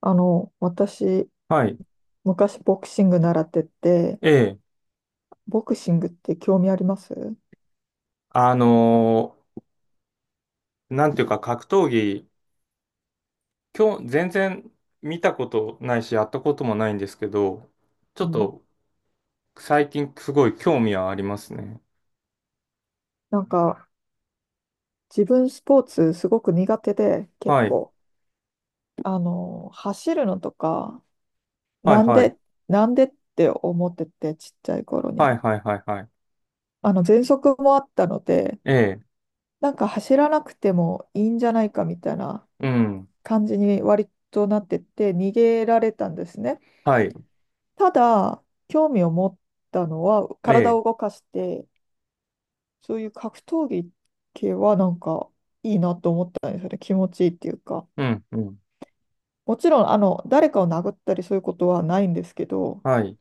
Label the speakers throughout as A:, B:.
A: 私、
B: はい。
A: 昔ボクシング習ってて、
B: ええ。
A: ボクシングって興味あります？
B: あのなんていうか格闘技、今日全然見たことないし、やったこともないんですけど、ちょ
A: う
B: っ
A: ん。
B: と最近すごい興味はありますね。
A: なんか、自分スポーツすごく苦手で、結
B: はい。
A: 構、走るのとか、
B: はい
A: なん
B: はい。
A: で、なんでって思ってて、ちっちゃい頃
B: はい
A: に。
B: はいはいはい。
A: 喘息もあったので、
B: ええ。
A: なんか走らなくてもいいんじゃないかみたいな
B: うん。
A: 感じに割となってて、逃げられたんですね。
B: はい。
A: ただ、興味を持ったのは、
B: え
A: 体
B: え。
A: を動かして、そういう格闘技系はなんかいいなと思ったんですよね。気持ちいいっていうか。
B: うん。うん。
A: もちろん、誰かを殴ったりそういうことはないんですけど、
B: はい。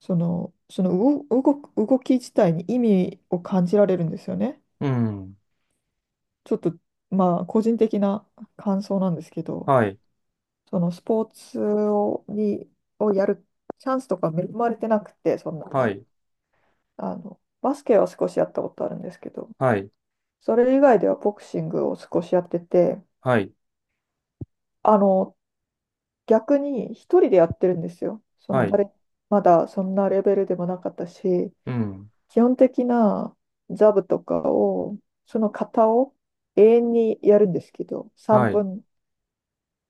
A: その動き自体に意味を感じられるんですよね。
B: うん。
A: ちょっと、まあ、個人的な感想なんですけど、
B: はい。
A: そのスポーツをやるチャンスとか恵まれてなくて、そんな
B: は
A: に。
B: い。
A: バスケは少しやったことあるんですけど、
B: はい。
A: それ以外ではボクシングを少しやってて、
B: はい。
A: あの、逆に一人でやってるんですよ。そ
B: は
A: の
B: い。
A: 誰、まだそんなレベルでもなかったし、
B: うん。
A: 基本的なザブとかを、その型を永遠にやるんですけど、
B: はい。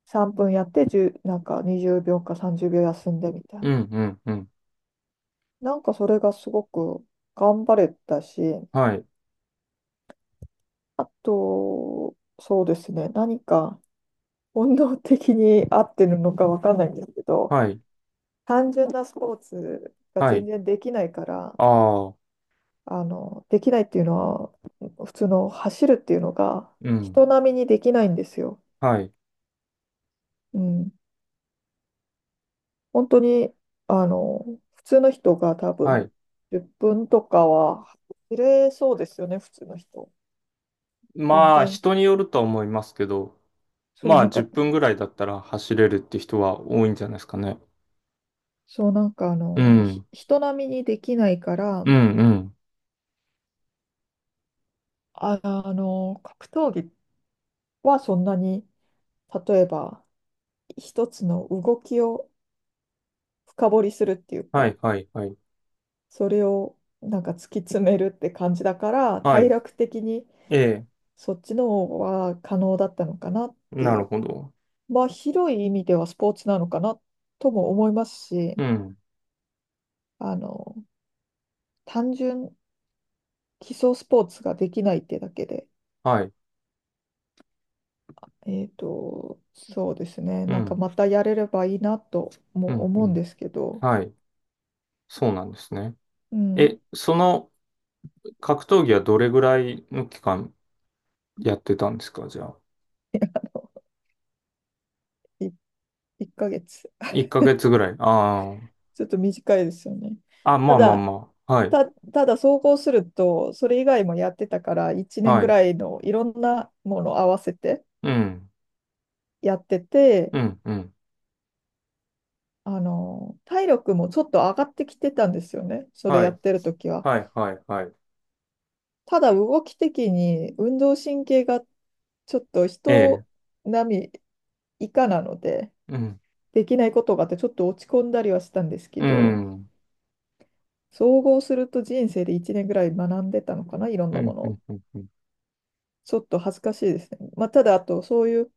A: 3分やって1なんか20秒か30秒休んでみたい
B: う
A: な。
B: ん。うん。うん。
A: なんかそれがすごく頑張れたし、
B: はい。
A: あと、そうですね、何か本能的に合ってるのかわかんないんですけど、
B: はい。
A: 単純なスポーツが
B: は
A: 全
B: い。
A: 然できないから、
B: ああ。
A: できないっていうのは、普通の走るっていうのが
B: うん。
A: 人並みにできないんですよ。
B: はい。
A: うん。本当に、あの、普通の人が多
B: は
A: 分
B: い。
A: 10分とかは走れそうですよね、普通の人。全
B: まあ、
A: 然、
B: 人によるとは思いますけど、
A: そう
B: ま
A: な
B: あ、
A: ん
B: 10
A: か、
B: 分ぐらいだったら走れるって人は多いんじゃないですかね。
A: そうなんかあ
B: う
A: の、
B: ん。
A: 人並みにできないから、
B: うん、うん。
A: 格闘技はそんなに、例えば一つの動きを深掘りするっていう
B: はい、
A: か、
B: はい、はい。
A: それをなんか突き詰めるって感じだから
B: は
A: 体
B: い。
A: 力的に
B: ええ、
A: そっちの方は可能だったのかなって
B: な
A: い
B: る
A: う。
B: ほど。
A: まあ広い意味ではスポーツなのかなとも思いますし、
B: うん。
A: あの単純基礎スポーツができないってだけで、
B: はい。
A: そうですね、
B: う
A: なんか
B: ん。
A: またやれればいいなと
B: う
A: も
B: ん、
A: 思
B: う
A: うん
B: ん。
A: ですけど。
B: はい。そうなんですね。
A: うん。
B: え、その格闘技はどれぐらいの期間やってたんですかじゃあ。
A: 1 ヶ月。
B: 1ヶ月ぐらい。あ
A: ちょっと短いですよね。
B: あ。あ、ま
A: た
B: あまあ
A: だ
B: まあ。はい。
A: た、ただ総合すると、それ以外もやってたから、1年
B: は
A: ぐ
B: い。
A: らいのいろんなものを合わせて
B: うん。
A: やってて、
B: うん、うん。
A: 体力もちょっと上がってきてたんですよね、それ
B: は
A: やっ
B: い。
A: てる時は。
B: はい、はい、はい。
A: ただ動き的に運動神経がちょっと
B: ええ。
A: 人並み以下なので、
B: うん。
A: できないことがあってちょっと落ち込んだりはしたんですけ
B: う
A: ど、
B: ん。
A: 総合すると人生で1年ぐらい学んでたのかな、いろん
B: う
A: なも
B: ん、
A: の
B: うん、
A: を。
B: うん、うん。
A: ちょっと恥ずかしいですね。まあ、ただ、あと、そういう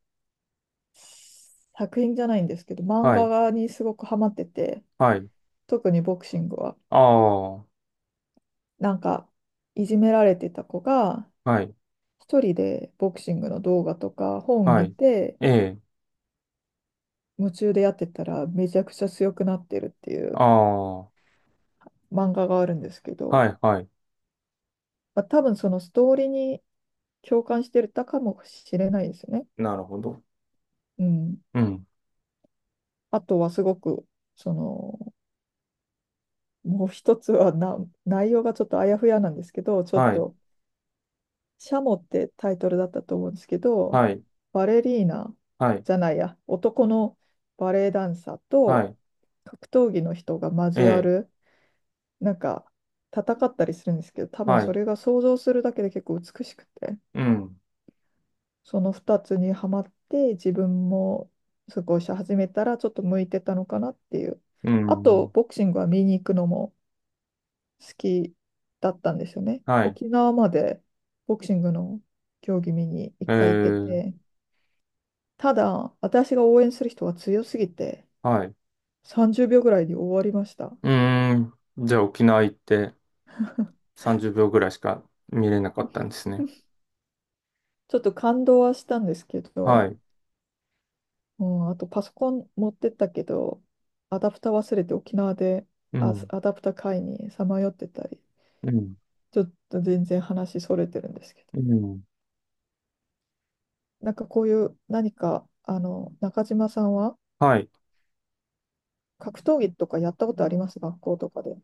A: 作品じゃないんですけど、漫
B: はい、
A: 画にすごくハマってて、
B: はい。
A: 特にボクシングは。
B: ああ、
A: なんか、いじめられてた子が、
B: はい、
A: 一人でボクシングの動画とか本
B: は
A: 見
B: い。
A: て、
B: ええ、
A: 夢中でやってたらめちゃくちゃ強くなってるってい
B: あ
A: う
B: あ、は
A: 漫画があるんですけど、
B: い、はい。
A: まあ、多分そのストーリーに共感してたかもしれないですね。
B: なるほど。
A: うん。
B: うん、
A: あとはすごく、その、もう一つは内容がちょっとあやふやなんですけど、ちょっ
B: はい、
A: とシャモってタイトルだったと思うんですけど、
B: はい、
A: バレリーナ
B: はい、
A: じゃないや、男のバレエダンサー
B: は
A: と
B: い。
A: 格闘技の人が
B: え
A: 交わ
B: え、
A: る、なんか戦ったりするんですけど、多分
B: は
A: そ
B: い、
A: れが想像するだけで結構美しくて、
B: うん、
A: その2つにはまって自分もすごいし始めたらちょっと向いてたのかなっていう。
B: う
A: あと、
B: ん、
A: ボクシングは見に行くのも好きだったんですよね。
B: はい。
A: 沖縄までボクシングの競技見に一
B: え
A: 回行って
B: え、
A: て、ただ、私が応援する人は強すぎて、
B: はい。
A: 30秒ぐらいで終わりました。
B: うーん。じゃあ沖縄行って 30秒ぐらいしか見れなかったんですね。
A: ちょっと感動はしたんですけ
B: は
A: ど、
B: い。
A: うん、あとパソコン持ってったけど、アダプター忘れて沖縄で
B: うん、
A: アダプター買いにさまよってたり、
B: うん、
A: ちょっと全然話それてるんですけど、
B: うん。
A: なんかこういう何か、中島さんは
B: はい。
A: 格闘技とかやったことあります学校とかで？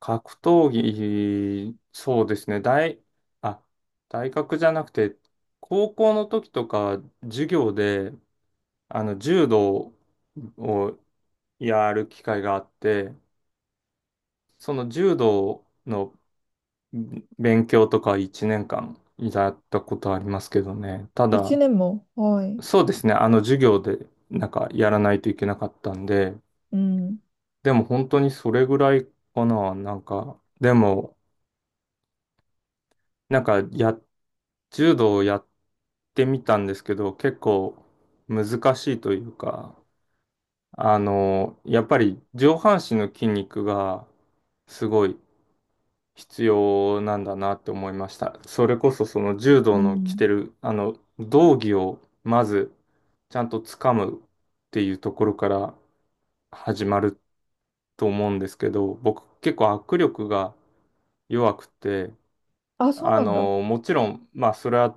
B: 格闘技、そうですね。あ、大学じゃなくて、高校の時とか、授業で、あの、柔道をやる機会があって、その柔道の勉強とか1年間やったことありますけどね。た
A: 1
B: だ、
A: 年も、はい。
B: そうですね。あの、授業で、なんか、やらないといけなかったんで、
A: うん。
B: でも本当にそれぐらいかな。なんか、でも、なんか、柔道をやってみたんですけど、結構難しいというか、あの、やっぱり上半身の筋肉がすごい必要なんだなって思いました。それこそその柔
A: う
B: 道の着
A: ん。
B: てる、あの、道着をまずちゃんと掴むっていうところから始まると思うんですけど、僕結構握力が弱くて、
A: あ、そう
B: あ
A: なんだ。
B: の、もちろん、まあそれは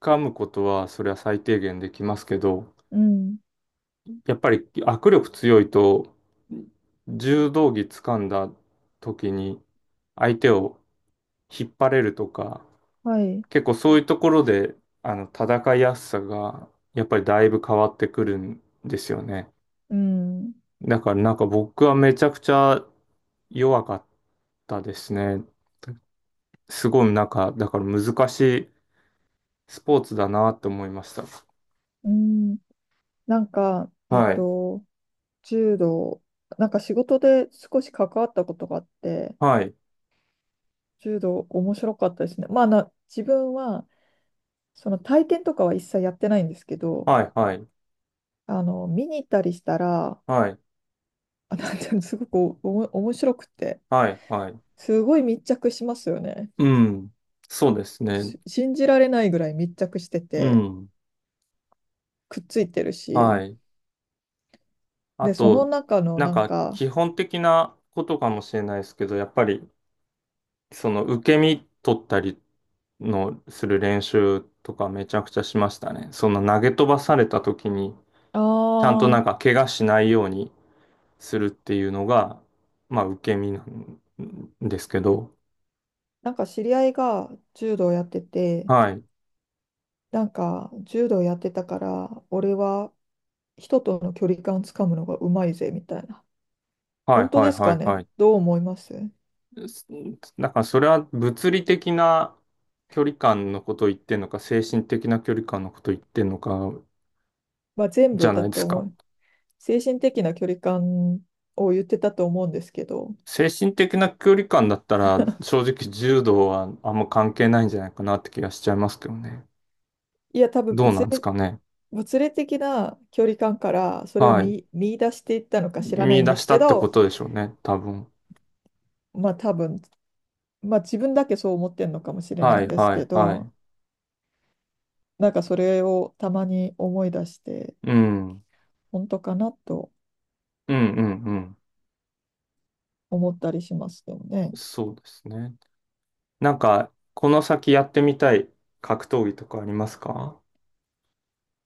B: 掴むことはそれは最低限できますけど、
A: うん。
B: やっぱり握力強いと、柔道着掴んだ時に相手を引っ張れるとか、
A: はい。
B: 結構そういうところで、あの、戦いやすさが、やっぱりだいぶ変わってくるんですよね。
A: うん、
B: だからなんか僕はめちゃくちゃ弱かったですね。すごいなんか、だから難しいスポーツだなって思いました。
A: うん、なんか、
B: はい。
A: 柔道、なんか仕事で少し関わったことがあって、
B: はい。
A: 柔道面白かったですね。まあ、自分は、その体験とかは一切やってないんですけど、
B: はい。はい。
A: 見に行ったりしたら、
B: はい。
A: なんていうのすごく面白くて、
B: はい。はい。
A: すごい密着しますよね。
B: うん。そうですね。
A: 信じられないぐらい密着して
B: う
A: て、
B: ん。
A: くっついてる
B: は
A: し、
B: い。あ
A: で、その
B: と、
A: 中の
B: なん
A: なん
B: か、
A: か、
B: 基本的なことかもしれないですけど、やっぱり、その、受け身取ったりの、する練習とかめちゃくちゃしましたね。その、投げ飛ばされた時に、ちゃんとな
A: あ
B: んか、
A: あ
B: 怪我しないようにするっていうのが、まあ、受け身なんですけど、
A: なんか知り合いが柔道やってて、
B: はい。
A: なんか柔道やってたから、俺は人との距離感つかむのがうまいぜみたいな。
B: は
A: 本
B: い、
A: 当
B: はい、
A: です
B: は
A: か
B: い、は
A: ね？
B: い。
A: どう思います？
B: すだから、それは物理的な距離感のことを言ってんのか、精神的な距離感のことを言ってんのか、
A: まあ全
B: じ
A: 部
B: ゃ
A: だ
B: ないです
A: と思
B: か。
A: う。精神的な距離感を言ってたと思うんですけど、
B: 精神的な距離感だったら、正直柔道はあんま関係ないんじゃないかなって気がしちゃいますけどね。
A: いや多分
B: どうなんですかね。
A: 物理的な距離感からそれを
B: はい。
A: 見出していったのか知らない
B: 見
A: ん
B: 出
A: で
B: し
A: す
B: た
A: け
B: ってこ
A: ど、
B: とでしょうね、多分。
A: まあ多分、まあ自分だけそう思ってるのかもしれない
B: は
A: ん
B: い、
A: です
B: は
A: け
B: い、はい。
A: ど、なんかそれをたまに思い出して。
B: うん。うん、
A: 本当かなと
B: うん、うん。
A: 思ったりしますけどね。
B: そうですね。なんか、この先やってみたい格闘技とかありますか？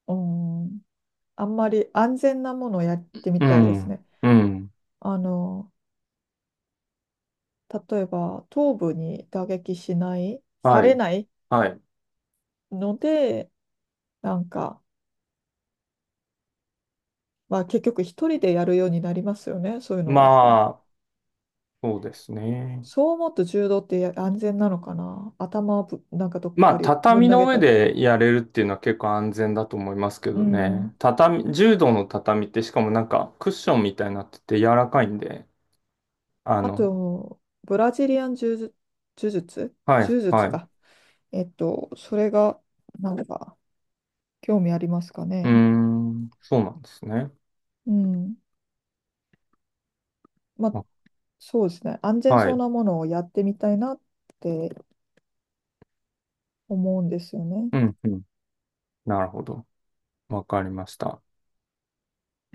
A: うん、あんまり安全なものをやってみ
B: う
A: たいです
B: ん、
A: ね。
B: うん。
A: あの、例えば頭部に打撃しない、さ
B: は
A: れ
B: い、
A: ない
B: はい。
A: ので、なんか、まあ結局一人でやるようになりますよね、そういうのだと。
B: まあ、そうですね。
A: そう思うと柔道って安全なのかな。頭をなんかどっ
B: ま
A: か
B: あ、
A: にぶん
B: 畳
A: 投
B: の
A: げ
B: 上
A: たり。
B: でやれるっていうのは結構安全だと思いますけ
A: う
B: ど
A: ん。
B: ね。畳、柔道の畳ってしかもなんかクッションみたいになってて柔らかいんで、あ
A: あ
B: の、
A: と、ブラジリアン柔術、
B: はい、
A: 柔
B: は
A: 術
B: い。う
A: か。それが、なんか、興味ありますか
B: ー
A: ね。
B: ん、そうなんですね。
A: うん。まあ、
B: あ、
A: そうですね。安全
B: は
A: そう
B: い。
A: なものをやってみたいなって思うんですよね。
B: うん、うん。なるほど。わかりました。